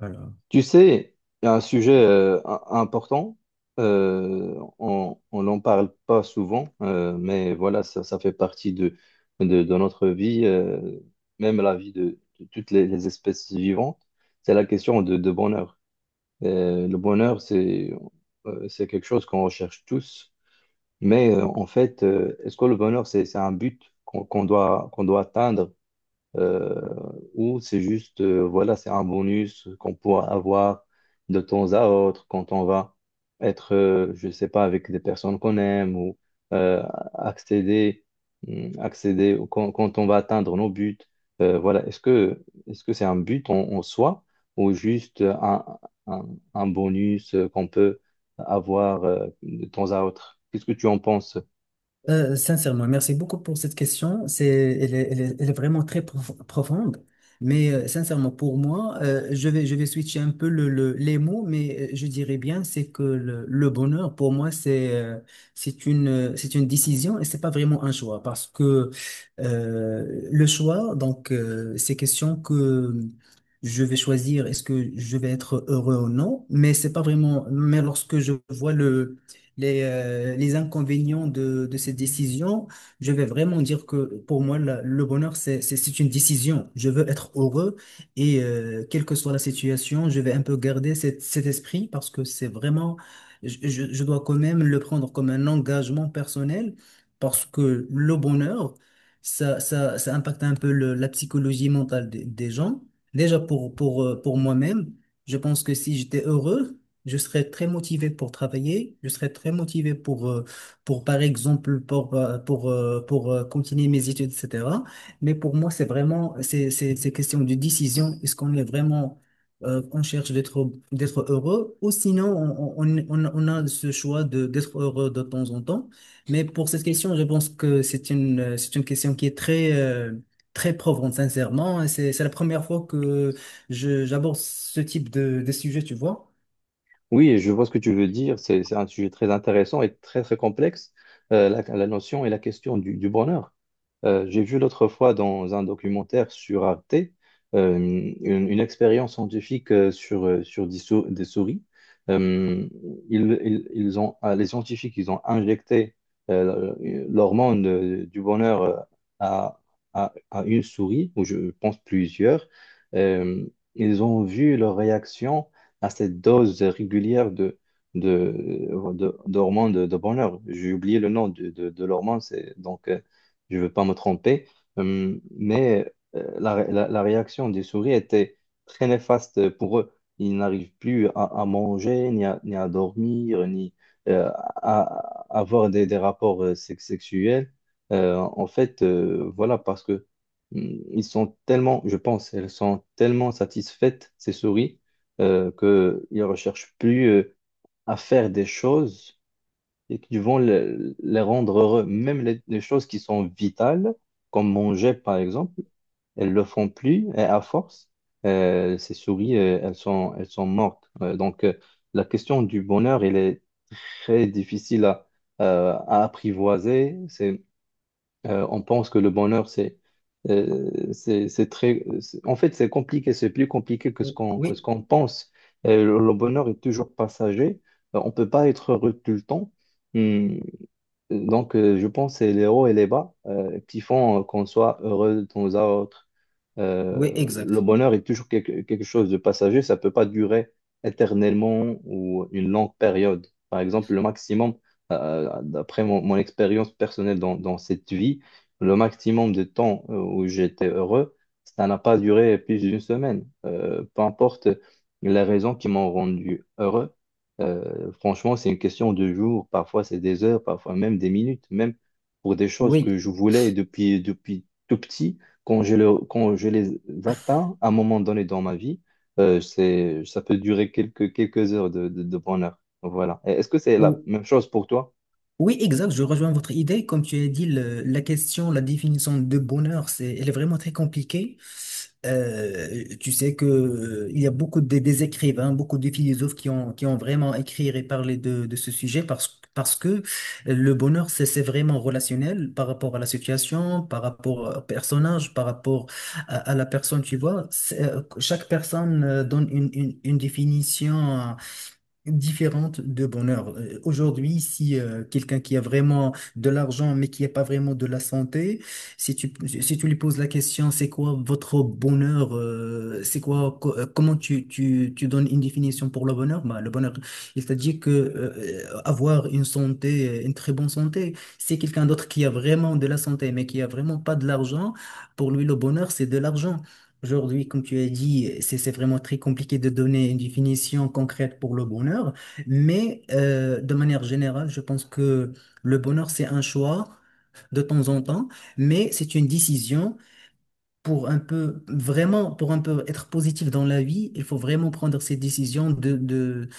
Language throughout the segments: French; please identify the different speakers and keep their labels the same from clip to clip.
Speaker 1: Voilà.
Speaker 2: Tu sais, il y a un sujet important, on n'en parle pas souvent, mais voilà, ça fait partie de notre vie, même la vie de toutes les espèces vivantes, c'est la question de bonheur. Le bonheur, c'est quelque chose qu'on recherche tous, mais en fait, est-ce que le bonheur, c'est un but qu'on qu'on doit atteindre? Euh, ou c'est juste, voilà, c'est un bonus qu'on pourra avoir de temps à autre quand on va être, je sais pas, avec des personnes qu'on aime ou euh, accéder, accéder quand on va atteindre nos buts. Voilà, est-ce que c'est un but en soi ou juste un, un bonus qu'on peut avoir de temps à autre? Qu'est-ce que tu en penses?
Speaker 1: Sincèrement, merci beaucoup pour cette question. C'est, elle est, elle est- elle est vraiment profonde. Mais sincèrement, pour moi, je vais switcher un peu les mots, mais je dirais bien, c'est que le bonheur, pour moi, c'est c'est une décision et c'est pas vraiment un choix. Parce que le choix, donc, c'est question que je vais choisir, est-ce que je vais être heureux ou non, mais c'est pas vraiment, mais lorsque je vois le les inconvénients de cette décision, je vais vraiment dire que pour moi, le bonheur, c'est une décision. Je veux être heureux et quelle que soit la situation, je vais un peu garder cet esprit parce que c'est vraiment, je dois quand même le prendre comme un engagement personnel, parce que le bonheur, ça impacte un peu la psychologie mentale des gens. Déjà pour moi-même, je pense que si j'étais heureux, je serais très motivé pour travailler, je serais très motivé pour par exemple, continuer mes études, etc. Mais pour moi, c'est vraiment, c'est question de décision. Est-ce qu'on est vraiment, on cherche d'être heureux ou sinon, on a ce choix de, d'être heureux de temps en temps. Mais pour cette question, je pense que c'est c'est une question qui est très, très probante, sincèrement. Et c'est la première fois que j'aborde ce type de sujet, tu vois.
Speaker 2: Oui, je vois ce que tu veux dire. C'est un sujet très intéressant et très complexe, la notion et la question du bonheur. J'ai vu l'autre fois dans un documentaire sur Arte, une expérience scientifique sur, sur des souris. Euh, ils ont, les scientifiques, ils ont injecté euh, l'hormone du bonheur à, à une souris, ou je pense plusieurs. Euh, Ils ont vu leur réaction à cette dose régulière de, d'hormones de bonheur. J'ai oublié le nom de l'hormone, donc je ne veux pas me tromper. Mais la réaction des souris était très néfaste pour eux. Ils n'arrivent plus à manger, ni à, ni à dormir, ni euh, à avoir des rapports sexuels. En fait, voilà, parce que ils sont tellement, je pense, elles sont tellement satisfaites, ces souris qu'ils ne recherchent plus à faire des choses et qui vont les rendre heureux. Même les choses qui sont vitales, comme manger par exemple, elles le font plus et à force, ces souris, elles sont mortes. Donc la question du bonheur, elle est très difficile à apprivoiser. C'est on pense que le bonheur, c'est très... c'est- En fait, c'est compliqué, c'est plus compliqué que ce
Speaker 1: Oui,
Speaker 2: qu'on pense. Le bonheur est toujours passager. On ne peut pas être heureux tout le temps. Hum, donc, je pense que c'est les hauts et les bas qui font qu'on soit heureux de temps à autre.
Speaker 1: oui,
Speaker 2: Le
Speaker 1: exact.
Speaker 2: bonheur est toujours quelque, quelque chose de passager, ça ne peut pas durer éternellement ou une longue période. Par exemple, le maximum, d'après mon, mon expérience personnelle dans cette vie, le maximum de temps où j'étais heureux, ça n'a pas duré plus d'une semaine. Peu importe les raisons qui m'ont rendu heureux, franchement, c'est une question de jours, parfois c'est des heures, parfois même des minutes, même pour des choses que
Speaker 1: Oui,
Speaker 2: je voulais depuis tout petit. Quand je les atteins à un moment donné dans ma vie, ça peut durer quelques, quelques heures de bonheur. Voilà. Et est-ce que c'est la
Speaker 1: Ou-
Speaker 2: même chose pour toi?
Speaker 1: oui, exact. Je rejoins votre idée. Comme tu as dit, la question, la définition de bonheur, c'est, elle est vraiment très compliquée. Tu sais que il y a beaucoup de, des écrivains, beaucoup de philosophes qui ont vraiment écrit et parlé de ce sujet parce que le bonheur, c'est vraiment relationnel par rapport à la situation, par rapport au personnage, par rapport à la personne, tu vois. Chaque personne donne une définition différente de bonheur. Aujourd'hui, si quelqu'un qui a vraiment de l'argent mais qui n'a pas vraiment de la santé, si tu, si tu lui poses la question, c'est quoi votre bonheur, c'est quoi, comment tu donnes une définition pour le bonheur? Bah, le bonheur, il t'a dit que avoir une santé, une très bonne santé, c'est quelqu'un d'autre qui a vraiment de la santé mais qui a vraiment pas de l'argent. Pour lui, le bonheur, c'est de l'argent. Aujourd'hui, comme tu as dit, c'est vraiment très compliqué de donner une définition concrète pour le bonheur, mais de manière générale, je pense que le bonheur, c'est un choix de temps en temps, mais c'est une décision pour un peu, vraiment, pour un peu être positif dans la vie, il faut vraiment prendre ces décisions de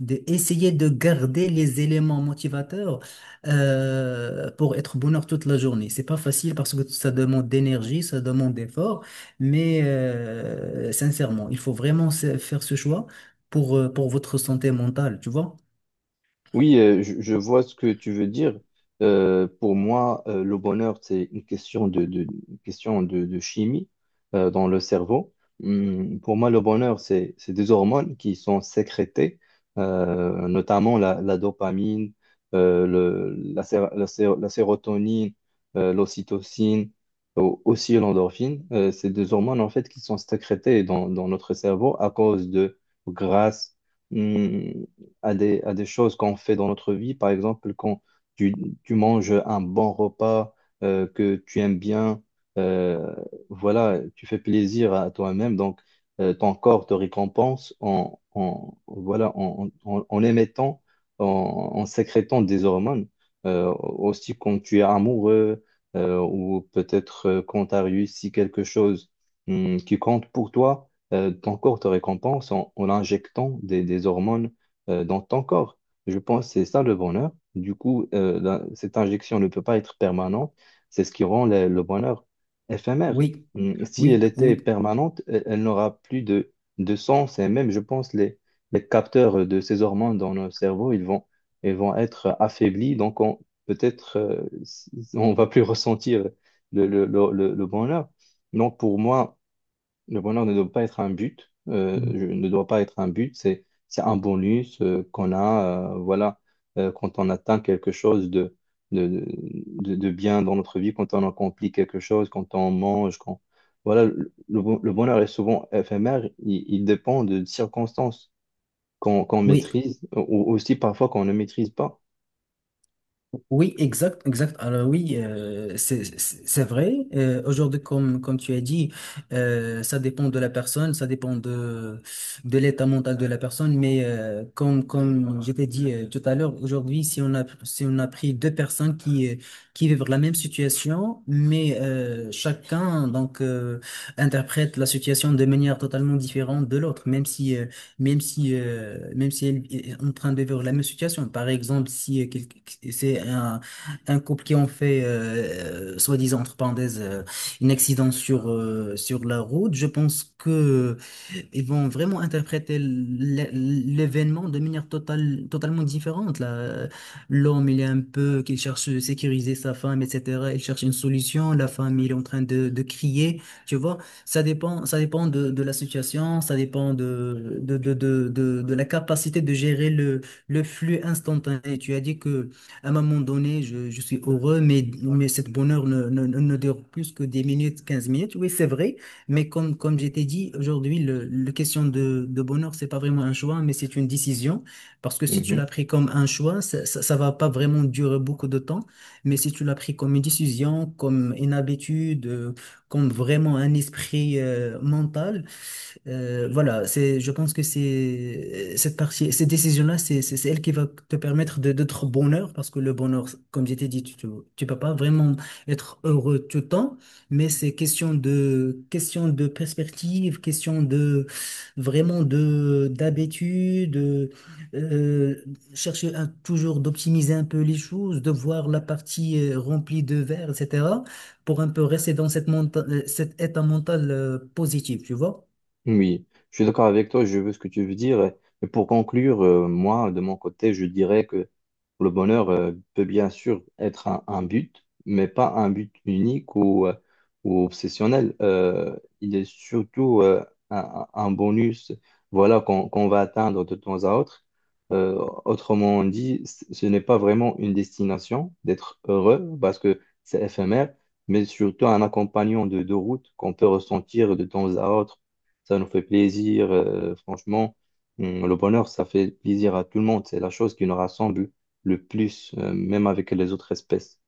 Speaker 1: d'essayer de garder les éléments motivateurs, pour être bonheur toute la journée. C'est pas facile parce que ça demande d'énergie, ça demande d'effort, mais sincèrement, il faut vraiment faire ce choix pour votre santé mentale, tu vois?
Speaker 2: Oui, je vois ce que tu veux dire. Pour moi, le bonheur, c'est une question une question de chimie dans le cerveau. Pour moi, le bonheur, c'est des hormones qui sont sécrétées, notamment la dopamine, la sérotonine, l'ocytocine, aussi l'endorphine. C'est des hormones, en fait, qui sont sécrétées dans notre cerveau à cause de grâce. Hmm, à des, à des choses qu'on fait dans notre vie. Par exemple, quand tu, tu manges un bon repas que tu aimes bien, euh, voilà, tu fais plaisir à toi-même. Donc, ton corps te récompense voilà, en émettant, en, en sécrétant des hormones. Aussi, quand tu es amoureux ou peut-être quand tu as réussi quelque chose qui compte pour toi ton corps te récompense en, en injectant des hormones dans ton corps. Je pense que c'est ça le bonheur. Du coup, cette injection ne peut pas être permanente. C'est ce qui rend le bonheur éphémère.
Speaker 1: Oui,
Speaker 2: Mm, si
Speaker 1: oui,
Speaker 2: elle était
Speaker 1: oui.
Speaker 2: permanente, elle, elle n'aura plus de sens. Et même, je pense, les capteurs de ces hormones dans nos cerveaux, ils vont être affaiblis. Donc, on, peut-être, on va plus ressentir le bonheur. Donc, pour moi, le bonheur ne doit pas être un but,
Speaker 1: Mm.
Speaker 2: ne doit pas être un but, c'est un bonus qu'on a, voilà, quand on atteint quelque chose de bien dans notre vie, quand on accomplit quelque chose, quand on mange, quand, voilà, le bonheur est souvent éphémère, il dépend de circonstances qu'on
Speaker 1: Oui,
Speaker 2: maîtrise ou aussi parfois qu'on ne maîtrise pas.
Speaker 1: oui, exact, exact. Alors oui, c'est vrai. Aujourd'hui, comme tu as dit, ça dépend de la personne, ça dépend de l'état mental de la personne. Mais comme je t'ai dit tout à l'heure, aujourd'hui, si on a pris deux personnes qui vivent la même situation, mais chacun donc interprète la situation de manière totalement différente de l'autre, même si même si elle est en train de vivre la même situation. Par exemple, si c'est un couple qui ont fait, soi-disant, entre parenthèses, un accident sur, sur la route, je pense que ils vont vraiment interpréter l'événement de manière totalement différente. Là, l'homme, il est un peu, qu'il cherche à sécuriser sa femme, etc. Il cherche une solution. La femme, il est en train de crier. Tu vois, ça dépend de la situation, ça dépend de la capacité de gérer le flux instantané. Tu as dit que à un moment donné, je suis heureux, mais cette bonheur ne dure plus que 10 minutes, 15 minutes. Oui, c'est vrai. Mais comme je t'ai dit, aujourd'hui, le question de bonheur, c'est pas vraiment un choix, mais c'est une décision. Parce que si tu l'as
Speaker 2: Mhm.
Speaker 1: pris comme un choix, ça va pas vraiment durer beaucoup de temps. Mais si tu l'as pris comme une décision, comme une habitude, comme vraiment un esprit mental, voilà, c'est, je pense que c'est cette partie, cette décision-là, c'est elle qui va te permettre d'être bonheur, parce que le bonheur, comme je t'ai dit, tu peux pas vraiment être heureux tout le temps, mais c'est question de perspective, question de, vraiment de, d'habitude, de, euh, chercher à toujours d'optimiser un peu les choses, de voir la partie remplie de verre, etc., pour un peu rester dans cette cet état mental positif, tu vois?
Speaker 2: Oui, je suis d'accord avec toi, je veux ce que tu veux dire. Et pour conclure, moi, de mon côté, je dirais que le bonheur peut bien sûr être un but, mais pas un but unique ou obsessionnel. Il est surtout un bonus, voilà, qu'on va atteindre de temps à autre. Euh, Autrement dit, ce n'est pas vraiment une destination d'être heureux parce que c'est éphémère, mais surtout un accompagnant de route qu'on peut ressentir de temps à autre ça nous fait plaisir. Franchement, le bonheur, ça fait plaisir à tout le monde. C'est la chose qui nous rassemble le plus, même avec les autres espèces.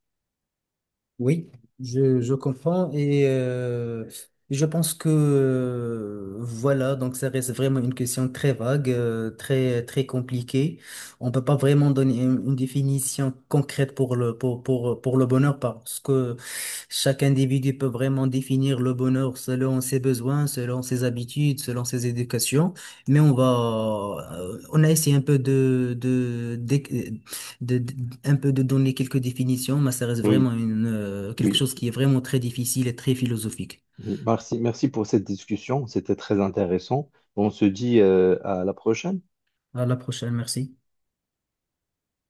Speaker 1: Oui, je comprends et je pense que voilà, donc ça reste vraiment une question très vague, très très compliquée. On peut pas vraiment donner une définition concrète pour pour le bonheur parce que chaque individu peut vraiment définir le bonheur selon ses besoins, selon ses habitudes, selon ses éducations. Mais on va on a essayé un peu de, de- un peu de donner quelques définitions, mais ça reste
Speaker 2: Oui,
Speaker 1: vraiment quelque
Speaker 2: oui,
Speaker 1: chose qui est vraiment très difficile et très philosophique.
Speaker 2: oui. Merci, merci pour cette discussion. C'était très intéressant. On se dit, à la prochaine.
Speaker 1: À la prochaine, merci.